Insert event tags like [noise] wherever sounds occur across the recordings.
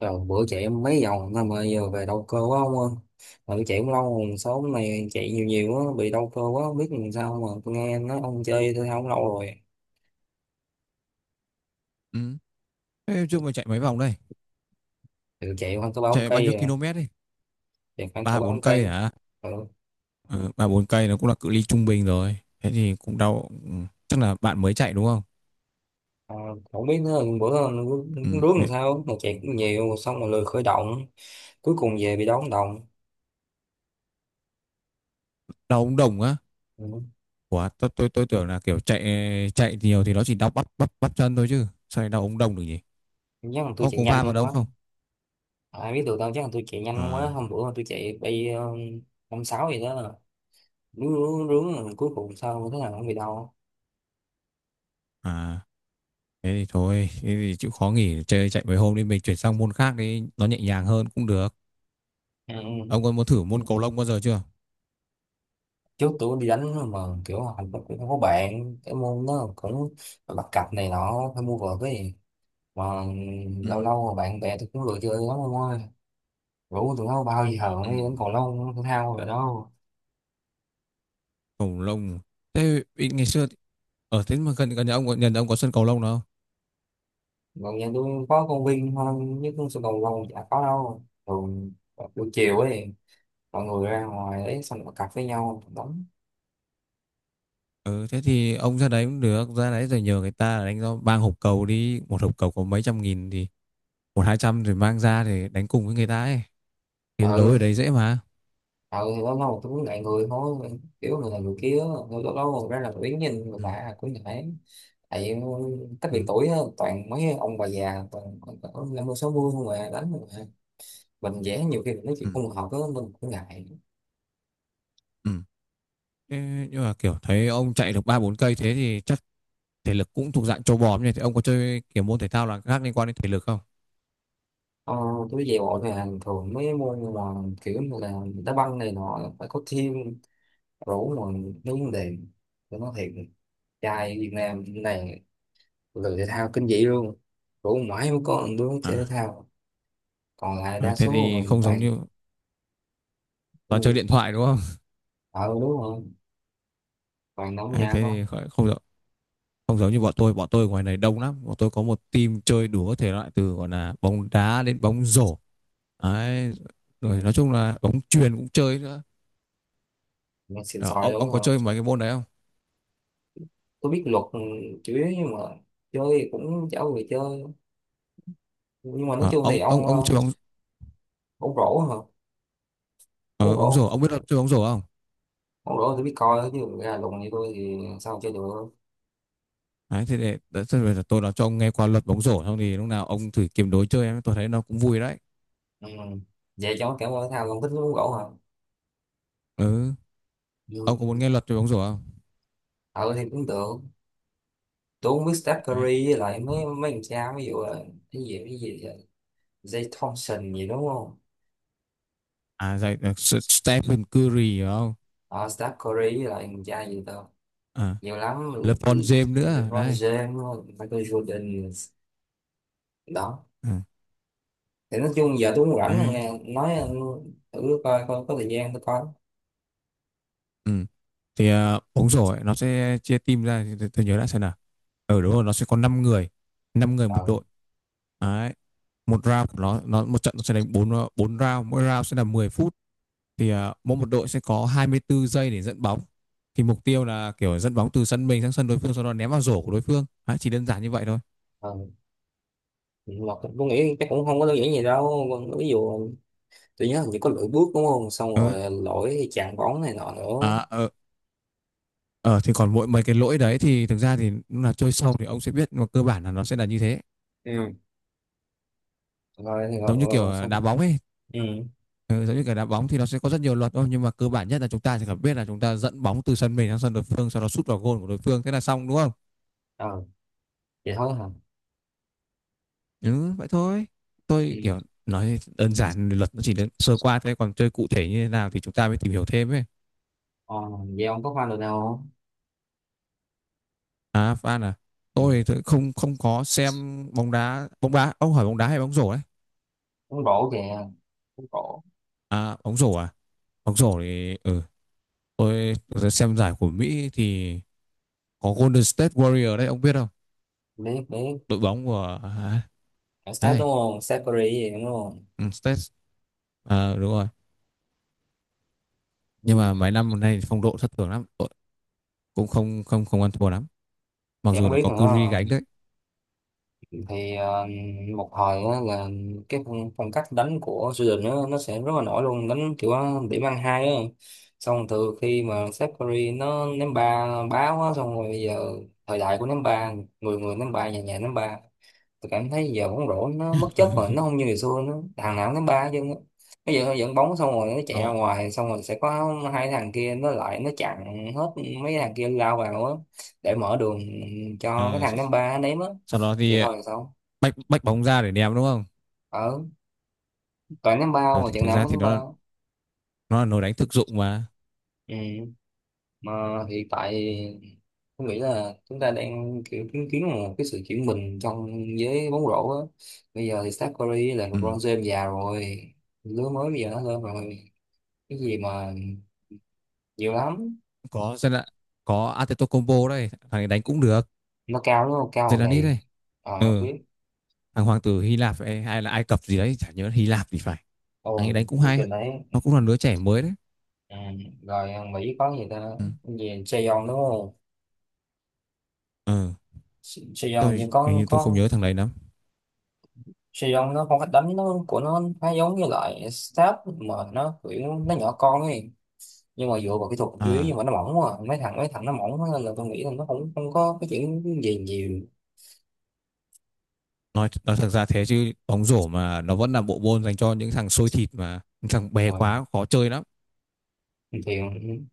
Rồi bữa chạy em mấy vòng thôi mà giờ về đau cơ quá ông ơi. Mà tôi chạy cũng lâu rồi, số hôm nay chạy nhiều nhiều quá, bị đau cơ quá, không biết làm sao mà tôi nghe nói ông chơi thể thao cũng lâu rồi. Ừm, thế trước mày chạy mấy vòng đây? Thì tôi chạy khoảng cỡ ba bốn Chạy bao cây nhiêu rồi, km đi? chạy khoảng cỡ Ba ba bốn bốn cây cây. hả? Ừ. Ừ, ba bốn cây nó cũng là cự ly trung bình rồi. Thế thì cũng đau. Ừ, chắc là bạn mới chạy đúng không? À, không biết nữa, bữa Ừ, rước làm đấy, sao, mà chạy cũng nhiều, xong rồi lười khởi động, cuối cùng về bị đau ống đồng. đau ống đồng á? Ừ. Ủa, tôi tưởng là kiểu chạy chạy nhiều thì nó chỉ đau bắp bắp bắp chân thôi chứ. Sao lại đau ống đồng được nhỉ? Chắc là tôi Ô, chạy có va vào nhanh đâu quá. không? À, ai biết được đâu, chắc là tôi chạy nhanh quá, À, hôm bữa tôi chạy bay năm sáu gì đó, rướng rướng rướng, rồi cuối cùng sao thế nào không bị đau. à, thế thì thôi. Thế thì chịu khó nghỉ chơi chạy mấy hôm đi. Mình chuyển sang môn khác đi. Nó nhẹ nhàng hơn cũng được. Ừ. Ừ. Ông có muốn thử môn cầu lông bao giờ chưa? Trước tôi đi đánh mà kiểu hành cũng không có bạn, cái môn nó cũng bắt cặp này nọ phải mua vợt cái gì mà. Lâu Ừ. lâu mà bạn bè tôi cũng lười chơi lắm ông ơi, rủ tụi nó bao giờ Ừ. mới đến cầu lông thể thao rồi đâu. Cầu lông Thế ngày xưa Ở thế mà gần gần nhà nhà ông có sân cầu lông nào? Còn nhà tôi có công viên thôi chứ không, sân cầu lông chả có đâu, thường buổi chiều ấy mọi người ra ngoài đấy xong bắt cặp với nhau đánh. Ừ, thế thì ông ra đấy cũng được, ra đấy rồi nhờ người ta đánh cho, mang hộp cầu đi, một hộp cầu có mấy trăm nghìn thì một hai trăm rồi mang ra để đánh cùng với người ta ấy. Thì đấu Ừ. ở đấy dễ mà. Ừ, thì lâu lâu tôi cũng ngại người thôi, kiểu người này người kia, lâu lâu lâu ra là tôi đứng nhìn người Ừ, lạ cũng ngại, tại cách biệt ừ, tuổi á, toàn mấy ông bà già, toàn toàn năm mươi sáu mươi không à, đánh không à, mình vẽ, nhiều khi mình nói chuyện ừ, không hợp á, mình cũng ngại. ừ. Thế nhưng mà kiểu thấy ông chạy được ba bốn cây thế thì chắc thể lực cũng thuộc dạng trâu bò nhỉ? Thì ông có chơi kiểu môn thể thao là khác liên quan đến thể lực không? ờ, tôi về bộ thì là thường mấy môn mà kiểu như là đá banh này nọ phải có team rủ mà, mấy vấn đề tôi nói thiệt, trai Việt Nam này lười thể thao kinh dị luôn, rủ mãi mới có một đứa chơi thể À, thao, còn lại à, đa thế số thì mình không giống toàn. như toàn chơi Ui, điện thoại đúng không? [laughs] ờ đúng rồi, toàn đóng Đấy, nhà thế con. thì không được. Không giống như bọn tôi ngoài này đông lắm, bọn tôi có một team chơi đủ các thể loại từ gọi là bóng đá đến bóng rổ, đấy, Ừ. rồi nói chung là bóng chuyền cũng chơi nữa. Nghe xịn Ờ, sòi ông đúng ông có rồi. chơi mấy cái môn đấy không? Tôi biết luật, ừ, chủ yếu, nhưng mà chơi thì cũng chả người chơi, nhưng mà nói Ờ, chung thì ông ông ông. ông Ờ, chơi bóng ông rổ hả? Ông ờ, bóng rổ, rổ, ông biết là chơi bóng rổ không? ông rổ tôi biết coi chứ ra lùn như tôi thì sao chơi được. Đấy, thế để đấy, thế bây giờ tôi nói cho ông nghe qua luật bóng rổ xong thì lúc nào ông thử kiếm đối chơi em, tôi thấy nó cũng vui đấy. Ừ. Vậy cho cảm ơn thao, không thích uống rổ hả? Ừ, ông có muốn Ừ. nghe luật về bóng rổ không? Ờ thì cũng được, tôi không biết Steph Đấy. Curry với lại mấy mấy thằng cha, ví dụ là cái gì Zay Thompson gì đúng không? À dạy, Stephen Curry hiểu không? Ờ Steph Curry với lại thằng cha gì ta, À, nhiều lắm, LeBron James nữa LeBron đây. James, Michael Jordan đó, Ừ. thì nói chung giờ tôi cũng rảnh rồi Đấy. nghe nói, ừ, thử coi coi có thời gian tôi coi. Ừ. Thì bóng rổ ấy, nó sẽ chia team ra thì tôi nhớ đã xem nào. Ở đúng rồi, nó sẽ có 5 người, 5 người một ờ đội. Đấy. Một round của nó một trận nó sẽ đánh 4 round, mỗi round sẽ là 10 phút. Thì mỗi một đội sẽ có 24 giây để dẫn bóng. Thì mục tiêu là kiểu dẫn bóng từ sân mình sang sân đối phương sau đó ném vào rổ của đối phương. Đấy, chỉ đơn giản như vậy thôi. ờ mà tôi nghĩ chắc cũng không có đơn giản gì đâu, ví dụ tôi nhớ hình như có lỗi bước đúng không, xong Ờ, rồi lỗi chạm bóng này nọ nữa. à, ờ, ờ, thì còn mỗi mấy cái lỗi đấy thì thực ra thì lúc nào chơi sâu thì ông sẽ biết nhưng mà cơ bản là nó sẽ là như thế. Ừ. Rồi thì rồi, Giống như rồi, kiểu rồi xong. đá bóng ấy. Ừ. Ừ, giống như cái đá bóng thì nó sẽ có rất nhiều luật thôi nhưng mà cơ bản nhất là chúng ta sẽ cần biết là chúng ta dẫn bóng từ sân mình sang sân đối phương sau đó sút vào gôn của đối phương thế là xong đúng không? ờ Vậy thôi hả? Ừ, vậy thôi, Ừ. tôi kiểu nói đơn giản luật nó chỉ đến sơ qua thế còn chơi cụ thể như thế nào thì chúng ta mới tìm hiểu thêm ấy. ờ Vậy ông có fan được nào không? À Phan à? Ừ. Tôi thì tôi không không có xem bóng đá, bóng đá ông hỏi bóng đá hay bóng rổ đấy? Bóng rổ kìa, bóng rổ. À bóng rổ à? Bóng rổ thì ừ, tôi xem giải của Mỹ thì có Golden State Warrior đấy ông biết không? Biết biết. Đội bóng của à, Ở Steph đấy, đúng không, Steph Curry gì đúng không? ừ, State, à, đúng rồi. Ừ. Nhưng mà mấy năm nay phong độ thất thường lắm, đội cũng không không không ăn thua lắm, mặc Thì dù không nó biết có nữa, Curry gánh đấy. thì một hồi á là cái phong cách đánh của Sweden, nó sẽ rất là nổi luôn, đánh kiểu điểm ăn hai á, xong từ khi mà Seth Curry nó ném ba báo á, xong rồi bây giờ thời đại của ném ba, người người ném ba, nhà nhà ném ba. Tôi cảm thấy giờ bóng rổ nó bất chấp rồi, nó [laughs] không như ngày xưa nữa, thằng nào cũng đánh ba chứ. Bây giờ nó dẫn bóng xong rồi nó chạy ra Nó ngoài, xong rồi sẽ có hai thằng kia nó lại nó chặn hết, mấy thằng kia lao vào á để mở đường cho cái ờ, thằng sau, ném ba nó ném á. sau đó thì Vậy thôi là sao? bách bách bóng ra để ném đúng không? Ở, toàn ném ba Ờ, mà thì trận thực nào ra cũng thì ném ba. Nó là nồi đánh thực dụng mà. Ừ. Mà hiện tại tôi nghĩ là chúng ta đang kiểu chứng kiến một cái sự chuyển mình trong giới bóng rổ á, bây giờ thì Steph Curry là LeBron Ừ. James già rồi, lứa mới bây giờ nó lên rồi, cái gì mà nhiều lắm. có Zela- có Antetokounmpo đây, thằng ấy đánh cũng được. Nó cao đúng không, cao bằng Zelani đầy. đây. Ờ. Ừ. Biết. Thằng hoàng tử Hy Lạp hay, hay là Ai Cập gì đấy chả nhớ, Hy Lạp thì phải. Ồ. Thằng ấy đánh cũng Nó hay, kêu đấy. nó cũng là đứa trẻ mới đấy. Ừ. Rồi Mỹ có gì ta? Ừ. Cái gì Saigon đúng không? Ừ. Saigon hình như Tôi hình có như tôi không có nhớ thằng đấy lắm. Saigon nó không, cách đánh nó của nó khá giống như loại Stab mà nó kiểu nó nhỏ con ấy, nhưng mà dựa vào kỹ thuật dưới, nhưng À, mà nó mỏng quá à. Mấy thằng nó mỏng quá nên là tôi nghĩ là nó không không có cái chuyện gì nhiều. nói thật ra thế chứ bóng rổ mà nó vẫn là bộ môn dành cho những thằng xôi thịt, mà những thằng bé Ờ, quá khó chơi lắm. thì ừ,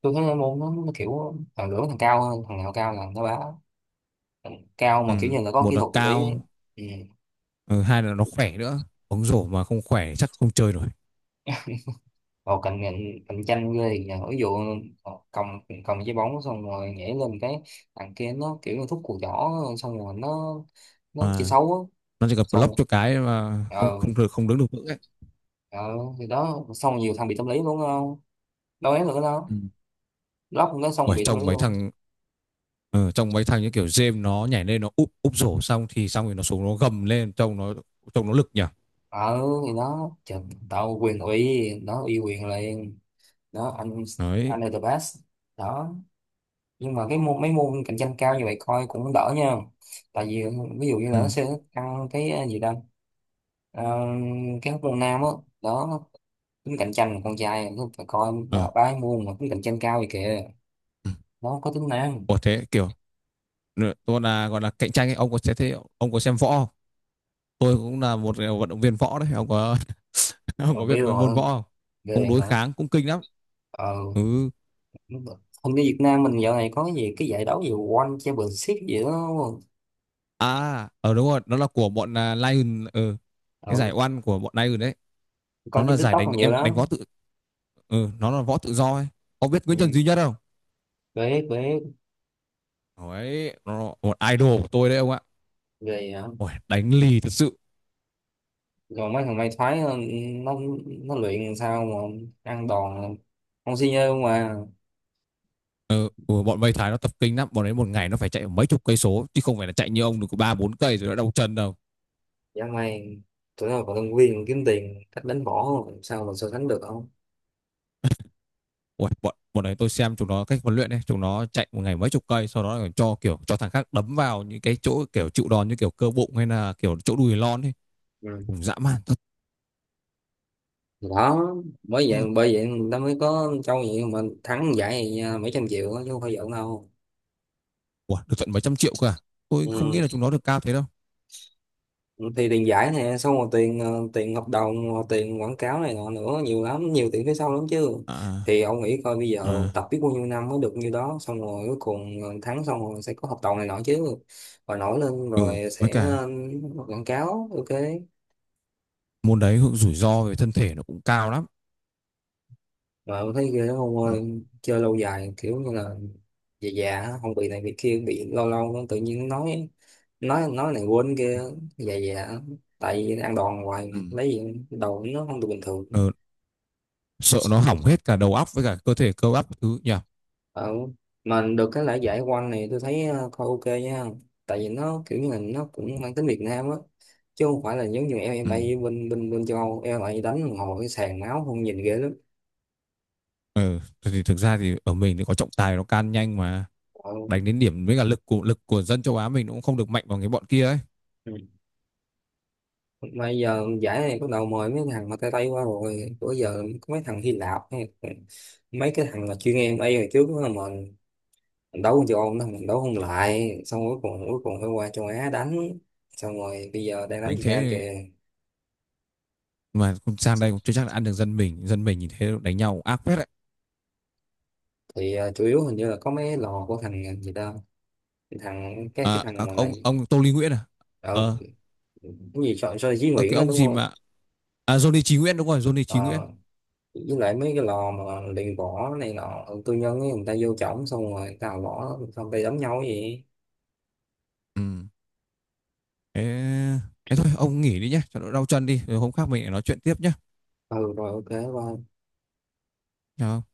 tôi thấy môn nó kiểu thằng lưỡng, thằng cao hơn thằng nào cao là nó bá, cao mà Ừ. kiểu như là có Một kỹ là thuật một tí. cao, Ừ. ừ, hai là nó khỏe nữa, bóng rổ mà không khỏe chắc không chơi nổi. Vào cạnh cạnh cạnh tranh ghê thì nhờ, ví dụ cầm cầm trái bóng xong rồi nhảy lên cái, thằng kia nó kiểu như thúc cùi chỏ xong rồi nó chơi Mà xấu á, nó chỉ cần xong rồi- block cho cái mà không ờ không được, không đứng được vững ấy. ờ thì đó, xong rồi nhiều thằng bị tâm lý luôn, không đâu ấy nữa đâu, Ừ. lóc nó xong Bởi bị tâm trông lý mấy luôn. thằng ờ, trông mấy thằng như kiểu James nó nhảy lên nó úp úp rổ xong thì xong rồi nó xuống nó gầm lên trông nó lực nhỉ. ờ thì đó trời, tao quyền ủy nó uy quyền liền, đó anh Đấy. anh là the best đó, nhưng mà cái môn mấy môn cạnh tranh cao như vậy coi cũng đỡ nha, tại vì ví dụ như là nó Ừ. sẽ tăng cái gì đâu. Ờ, cái hóc môn nam á đó, tính cạnh tranh con trai nó phải coi, ba Ờ. ba cái môn mà tính cạnh tranh cao vậy kìa, Ừ. nó có tính nam. Ủa thế kiểu, nữa, tôi là gọi là cạnh tranh ấy, ông có thế thế ông có xem võ không? Tôi cũng là một vận động viên võ đấy ông có [laughs] ông Ờ, có biết Bill về hả? môn võ không? Ghê Cũng đối vậy hả? kháng cũng kinh lắm. Ờ Ừ. đúng rồi. Hình như Việt Nam mình dạo này có cái gì cái giải đấu gì One Championship gì đó đúng không? À, ờ, đúng rồi, nó là của bọn Lion, ừ. ờ, Cái giải oan của bọn Lion đấy, nó Coi trên là giải TikTok đánh còn nhiều em, đánh lắm. võ tự, ừ, nó là võ tự do ấy. Ông biết Nguyễn Trần Ừ, Duy Nhất không? bế bế Đấy, nó là một idol của tôi đấy ông ạ. ghê. Ôi, đánh lì thật sự. Còn mấy thằng may thoái, nó, nó luyện sao mà ăn đòn không si nhơ mà, Ừ, ừ, bọn Mây Thái nó tập kinh lắm, bọn ấy một ngày nó phải chạy mấy chục cây số chứ không phải là chạy như ông được có ba bốn cây rồi nó đau chân đâu. dã man, tụi nó còn tân viên kiếm tiền cách đánh võ mà sao mà so sánh được không? Ui, bọn bọn đấy tôi xem chúng nó cách huấn luyện ấy, chúng nó chạy một ngày mấy chục cây sau đó còn cho kiểu cho thằng khác đấm vào những cái chỗ kiểu chịu đòn như kiểu cơ bụng hay là kiểu chỗ đùi lon ấy. Ừ. Cũng dã man thật. Thì đó, bởi vậy Ui, bởi vậy người ta mới có trâu vậy mà thắng giải vậy nha, mấy trăm triệu á, chứ không phải giỡn đâu. Ui, được tận mấy trăm triệu cả. Tôi không nghĩ Ừ. là chúng nó được cao thế đâu. Thì tiền giải nè xong rồi tiền tiền hợp đồng, rồi tiền quảng cáo này nọ nữa, nhiều lắm, nhiều tiền phía sau lắm chứ. À, Thì ông nghĩ coi bây giờ à, tập biết bao nhiêu năm mới được nhiêu đó, xong rồi cuối cùng tháng, xong rồi sẽ có hợp đồng này nọ chứ, và nổi lên ừ, rồi với sẽ cả quảng cáo ok. môn đấy hưởng rủi ro về thân thể nó cũng cao lắm. Mà tôi thấy ghê lắm ông Ừ. ơi, chơi lâu dài kiểu như là già già á, không bị này bị kia, bị lâu lâu nó tự nhiên nói này quên Ừ. kia, già già, tại vì ăn đòn Ừ. hoài lấy gì đâu nó không được bình thường. Ờ, sợ nó hỏng hết cả đầu óc với cả cơ thể cơ bắp thứ nhỉ. Ờ, mà được cái lễ giải quanh này tôi thấy coi ok nha, tại vì nó kiểu như là nó cũng mang tính Việt Nam á, chứ không phải là giống như em Ừ. bay bên bên bên châu Âu MMA đánh ngồi cái sàn máu không nhìn ghê lắm. Ừ, thì thực ra thì ở mình thì có trọng tài nó can nhanh mà. Ờ. Đánh đến điểm với cả lực của, lực của dân châu Á mình cũng không được mạnh bằng cái bọn kia ấy. Ừ. Mà giờ giải này bắt đầu mời mấy thằng mà tay tay qua, rồi bữa giờ có mấy thằng Hy Lạp hay mấy cái thằng mà chuyên em bay hồi trước á, mà mình đấu con châu Âu nó mình đấu không lại, xong cuối cùng phải qua châu Á đánh, xong rồi bây giờ đang đánh Đánh Việt Nam thế kìa. mà sang đây cũng chưa chắc là ăn được dân mình, dân mình nhìn thế đánh nhau ác phết đấy. Thì chủ yếu hình như là có mấy lò của thằng gì ta, cái thằng cái À, thằng các mà ông Tô Lý Nguyễn à? ở Ờ. cái gì cho Duy À, Nguyễn cái đó ông đúng gì không? mà, à Johnny Chí Nguyễn đúng rồi, Johnny Chí Nguyễn. Ờ, với lại mấy cái lò mà luyện võ này nọ tư nhân ấy, người ta vô trỏng xong rồi người ta đào võ xong tay ta đấm nhau cái gì. Ừ. Thế, thế thôi ông nghỉ đi nhé cho nó đau chân đi rồi hôm khác mình lại nói chuyện tiếp nhé. Ừ rồi, ok, bye. Chào.